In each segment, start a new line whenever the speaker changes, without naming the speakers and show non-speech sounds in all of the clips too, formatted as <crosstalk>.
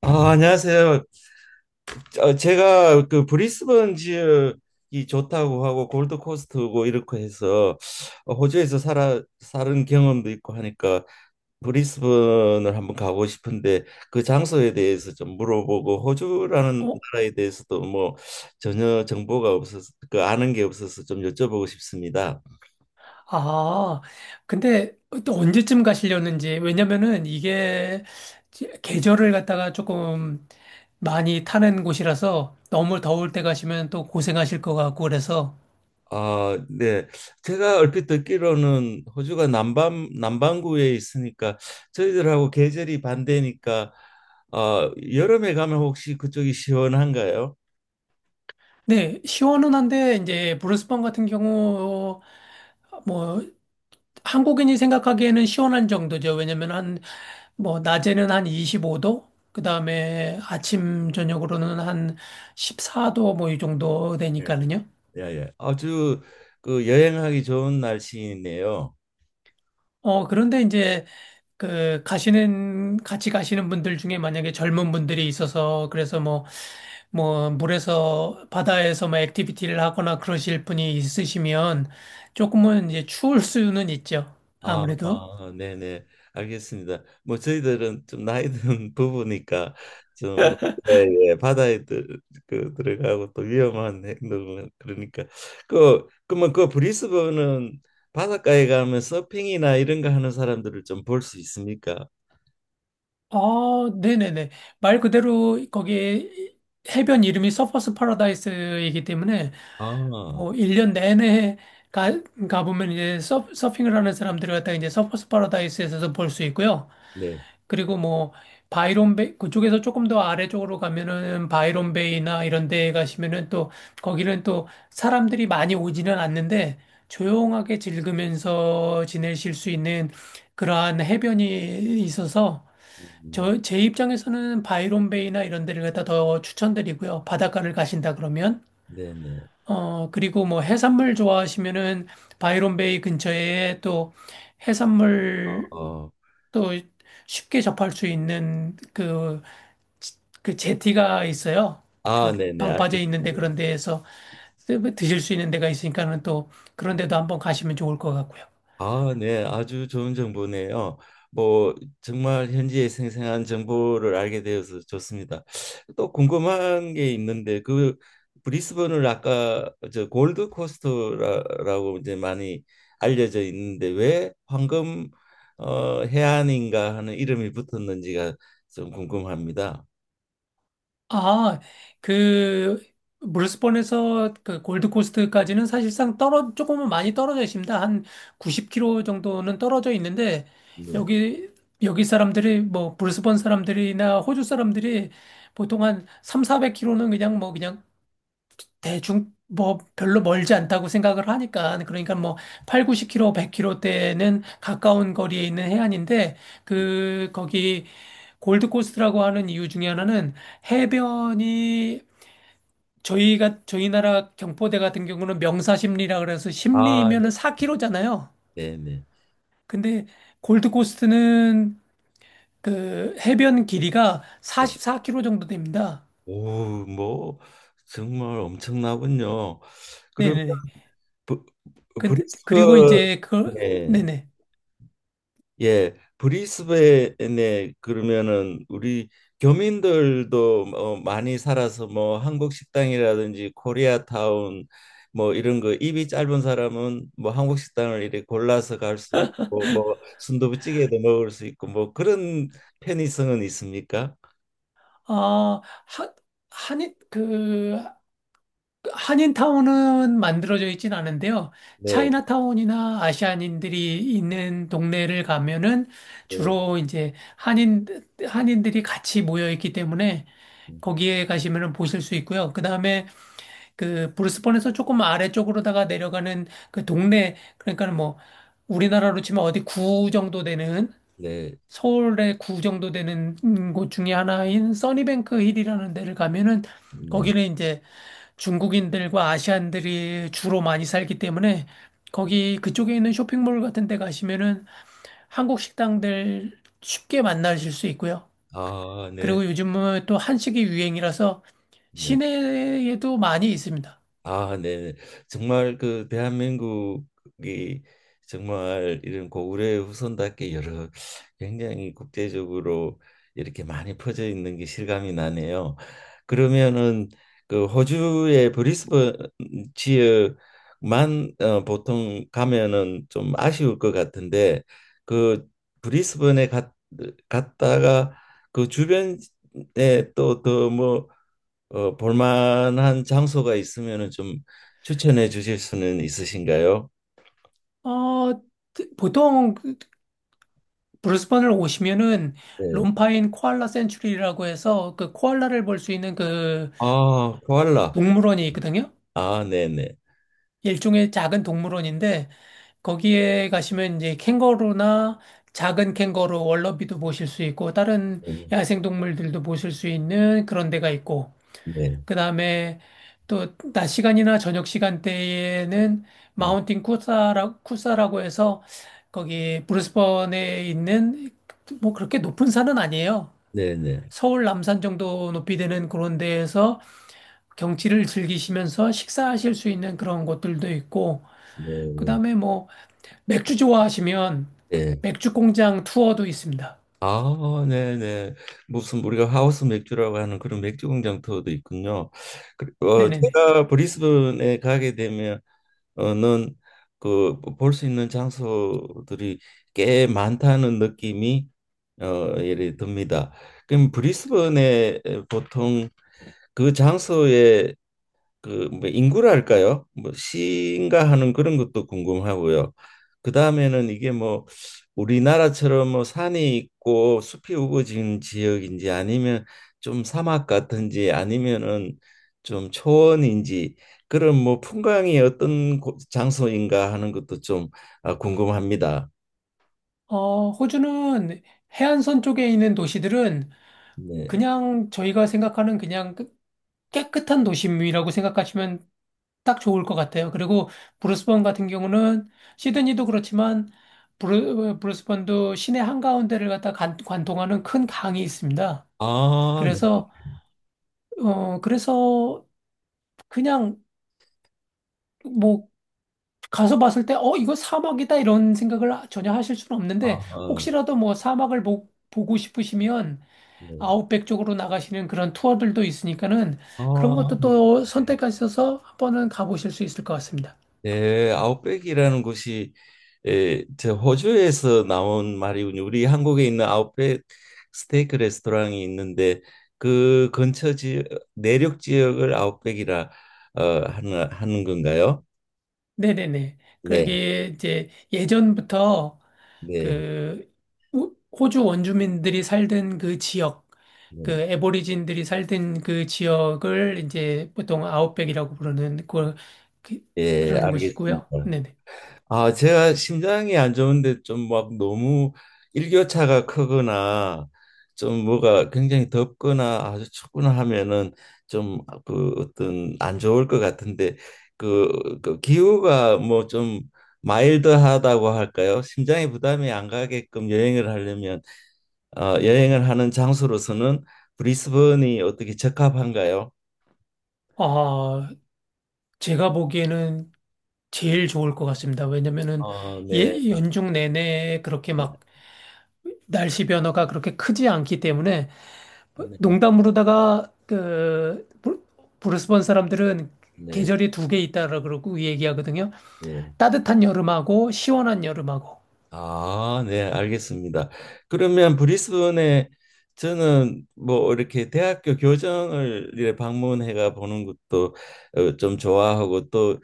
아, 안녕하세요. 제가 그 브리스번 지역이 좋다고 하고 골드코스트고 이렇게 해서 호주에서 살아 사는 경험도 있고 하니까 브리스번을 한번 가고 싶은데 그 장소에 대해서 좀 물어보고 호주라는
어,
나라에 대해서도 뭐 전혀 정보가 없어서 그 아는 게 없어서 좀 여쭤보고 싶습니다.
아, 근데 또 언제쯤 가시려는지. 왜냐면은 이게 계절을 갖다가 조금 많이 타는 곳이라서 너무 더울 때 가시면 또 고생하실 것 같고 그래서.
아, 네. 제가 얼핏 듣기로는 호주가 남반구에 있으니까 저희들하고 계절이 반대니까 여름에 가면 혹시 그쪽이 시원한가요?
네, 시원은 한데 이제 브루스번 같은 경우 뭐 한국인이 생각하기에는 시원한 정도죠. 왜냐면 한 뭐 낮에는 한 25도, 그다음에 아침 저녁으로는 한 14도 뭐 이 정도
예.
되니까는요.
예, 예. 아주 그 여행하기 좋은 날씨네요.
그런데 이제 그 가시는 같이 가시는 분들 중에 만약에 젊은 분들이 있어서 그래서 뭐 물에서 바다에서 뭐 액티비티를 하거나 그러실 분이 있으시면 조금은 이제 추울 수는 있죠.
아,
아무래도.
아, 네네, 알겠습니다. 뭐 저희들은 좀 나이 든 <laughs> 부부니까 좀 뭐, 예, 예, 바다에 들어가고 또 위험한 행동은 그러니까 그러면 그 브리스번은 바닷가에 가면 서핑이나 이런 거 하는 사람들을 좀 볼 수 있습니까?
아, 네네네. 말 그대로 거기 해변 이름이 서퍼스 파라다이스이기 때문에
아,
뭐 1년 내내 가, 가보면 이제 서핑을 하는 사람들을 갖다가 이제 서퍼스 파라다이스에서도 볼 수 있고요.
네,
그리고 뭐 바이론 베이 그쪽에서 조금 더 아래쪽으로 가면은 바이론 베이나 이런 데 가시면은 또 거기는 또 사람들이 많이 오지는 않는데 조용하게 즐기면서 지내실 수 있는 그러한 해변이 있어서
음,
저 제 입장에서는 바이론 베이나 이런 데를 갖다 더 추천드리고요. 바닷가를 가신다 그러면
네네,
그리고 뭐 해산물 좋아하시면은 바이론 베이 근처에 또
어,
해산물
어.
또 쉽게 접할 수 있는 그 제티가 있어요.
아,
그
네네,
방파제 있는데
알겠습니다.
그런 데에서 드실 수 있는 데가 있으니까는 또 그런 데도 한번 가시면 좋을 것 같고요.
아, 네, 아주 좋은 정보네요. 뭐 정말 현지의 생생한 정보를 알게 되어서 좋습니다. 또 궁금한 게 있는데 그 브리스번을 아까 저 골드 코스트라고 이제 많이 알려져 있는데 왜 황금 해안인가 하는 이름이 붙었는지가 좀 궁금합니다.
아, 그 브리스번에서 그 골드코스트까지는 사실상 떨어 조금은 많이 떨어져 있습니다. 한 90km 정도는 떨어져 있는데
네.
여기 여기 사람들이 뭐 브리스번 사람들이나 호주 사람들이 보통 한 3, 400km는 그냥 뭐 그냥 대중 뭐 별로 멀지 않다고 생각을 하니까 그러니까 뭐 8, 90km, 100km대는 가까운 거리에 있는 해안인데 그 거기 골드코스트라고 하는 이유 중에 하나는 해변이 저희가 저희 나라 경포대 같은 경우는 명사십리라 그래서
아, 네,
십리이면은 4km잖아요.
네, 네.
근데 골드코스트는 그 해변 길이가
네.
44km 정도 됩니다.
오, 뭐 정말 엄청나군요. 그러면
네네네.
브,
근데 그리고
브리스번에
이제 그 네네.
예 브리스번에 그러면은 우리 교민들도 많이 살아서 뭐 한국 식당이라든지 코리아타운 뭐 이런 거 입이 짧은 사람은 뭐 한국 식당을 이렇게 골라서 갈 수 있고 뭐 순두부찌개도 먹을 수 있고 뭐 그런 편의성은 있습니까?
아, 하, 한인, 그, 한인타운은 만들어져 있진 않은데요.
네,
차이나타운이나 아시안인들이 있는 동네를 가면은
네,
주로 이제 한인들이 같이 모여 있기 때문에
음,
거기에 가시면은 보실 수 있고요. 그 다음에 그 브루스번에서 조금 아래쪽으로다가 내려가는 그 동네, 그러니까 뭐 우리나라로 치면 어디 구 정도 되는
네,
서울의 구 정도 되는 곳 중에 하나인 써니뱅크 힐이라는 데를 가면은
네,
거기는 이제 중국인들과 아시안들이 주로 많이 살기 때문에 거기 그쪽에 있는 쇼핑몰 같은 데 가시면은 한국 식당들 쉽게 만나실 수 있고요.
아, 네,
그리고 요즘은 또 한식이 유행이라서
네.
시내에도 많이 있습니다.
아, 네. 정말 그 대한민국이 정말 이런 고구려의 후손답게 여러 굉장히 국제적으로 이렇게 많이 퍼져 있는 게 실감이 나네요. 그러면은 그 호주의 브리스번 지역만 보통 가면은 좀 아쉬울 것 같은데 그 브리스번에 갔다가 그 주변에 또더뭐 볼만한 장소가 있으면은 좀 추천해 주실 수는 있으신가요?
어, 보통 그 브리스번을 오시면은
네.
롬파인 코알라 센츄리라고 해서 그 코알라를 볼 수 있는 그
아, 코알라.
동물원이 있거든요.
아, 네네.
일종의 작은 동물원인데 거기에 가시면 이제 캥거루나 작은 캥거루, 월러비도 보실 수 있고 다른
네,
야생 동물들도 보실 수 있는 그런 데가 있고
네,
그다음에 또 낮 시간이나 저녁 시간대에는
네,
마운틴 쿠사라고 해서 거기 브리스번에 있는 뭐 그렇게 높은 산은 아니에요.
네, 네,
서울 남산 정도 높이 되는 그런 데에서 경치를 즐기시면서 식사하실 수 있는 그런 곳들도 있고, 그다음에 뭐 맥주 좋아하시면
네.
맥주 공장 투어도 있습니다.
아, 네네. 무슨 우리가 하우스 맥주라고 하는 그런 맥주 공장 투어도 있군요. 그리고
네네네.
제가 브리스번에 가게 되면 어는 그 볼 수 있는 장소들이 꽤 많다는 느낌이 예를 듭니다. 그럼 브리스번에 보통 그 장소에 그뭐 인구랄까요? 뭐 시인가 하는 그런 것도 궁금하고요. 그 다음에는 이게 뭐 우리나라처럼 뭐 산이 있고 숲이 우거진 지역인지 아니면 좀 사막 같은지 아니면은 좀 초원인지 그런 뭐 풍광이 어떤 장소인가 하는 것도 좀 궁금합니다.
어, 호주는 해안선 쪽에 있는 도시들은
네.
그냥 저희가 생각하는 그냥 깨끗한 도심이라고 생각하시면 딱 좋을 것 같아요. 그리고 브루스번 같은 경우는 시드니도 그렇지만 브루스번도 시내 한가운데를 갖다 관통하는 큰 강이 있습니다.
아, 네.
그래서 그래서 그냥 뭐 가서 봤을 때, 어, 이거 사막이다 이런 생각을 전혀 하실 수는 없는데,
아,
혹시라도 뭐 사막을 보고 싶으시면
네.
아웃백 쪽으로 나가시는 그런 투어들도 있으니까는 그런
아,
것도 또 선택하셔서 한 번은 가보실 수 있을 것 같습니다.
네, 아웃백이라는 곳이 저 호주에서 나온 말이군요. 우리 한국에 있는 아웃백 스테이크 레스토랑이 있는데 그 근처 지역 내륙 지역을 아웃백이라 하는 건가요?
네네네.
네,
그러게 이제 예전부터
네,
그 호주 원주민들이 살던 그 지역, 그
네,
애보리진들이 살던 그 지역을 이제 보통 아웃백이라고 부르는 그걸 그,
예,
그러는 것이고요.
알겠습니다.
네네.
아, 제가 심장이 안 좋은데 좀 막 너무 일교차가 크거나 좀 뭐가 굉장히 덥거나 아주 춥거나 하면은 좀 그 어떤 안 좋을 것 같은데 그 기후가 뭐 좀 마일드하다고 할까요? 심장에 부담이 안 가게끔 여행을 하려면 여행을 하는 장소로서는 브리스번이 어떻게 적합한가요?
아, 제가 보기에는 제일 좋을 것 같습니다. 왜냐면은
어, 네,
예, 연중 내내 그렇게
네,
막 날씨 변화가 그렇게 크지 않기 때문에 농담으로다가 그 브루스번 사람들은
네,
계절이 두 개 있다라 그러고 얘기하거든요.
네.
따뜻한 여름하고 시원한 여름하고.
아, 네, 알겠습니다. 그러면 브리스번에 저는 뭐 이렇게 대학교 교정을 이렇게 방문해가 보는 것도 좀 좋아하고 또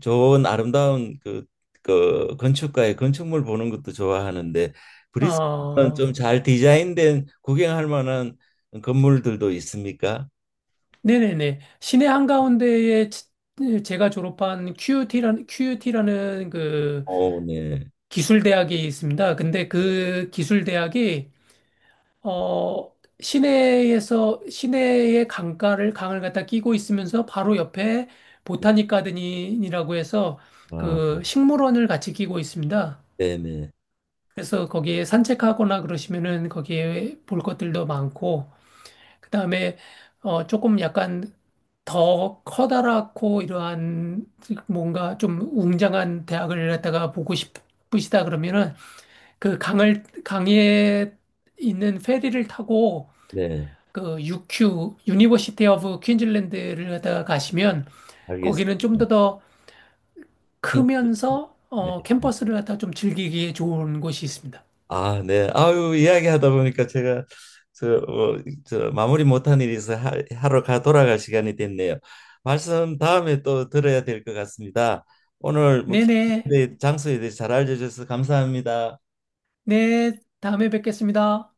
좋은 아름다운 그 건축가의 건축물 보는 것도 좋아하는데 브리스번은
어,
좀 잘 디자인된 구경할 만한 건물들도 있습니까?
네네네. 시내 한가운데에 제가 졸업한 QUT라는, 큐 u 라는 그
오, 네.
기술대학이 있습니다. 근데 그 기술대학이, 어, 시내의 강을 갖다 끼고 있으면서 바로 옆에 보타닉 가든이라고 해서
아,
그 식물원을 같이 끼고 있습니다.
네네.
그래서 거기에 산책하거나 그러시면은 거기에 볼 것들도 많고, 그다음에 조금 약간 더 커다랗고 이러한 뭔가 좀 웅장한 대학을 갖다가 보고 싶으시다 그러면은 그 강을 강에 있는 페리를 타고
네,
그 유큐 유니버시티 오브 퀸즐랜드를 갖다가 가시면
알겠습니다.
거기는 좀 더
퀸-
크면서 캠퍼스를 갖다가 좀 즐기기에 좋은 곳이 있습니다.
아, 네. 아유, 이야기하다 보니까 제가 저, 저 마무리 못한 일이 있어 하러 가 돌아갈 시간이 됐네요. 말씀 다음에 또 들어야 될 것 같습니다. 오늘 뭐
네네.
장소에 대해 잘 알려줘서 감사합니다.
네, 다음에 뵙겠습니다.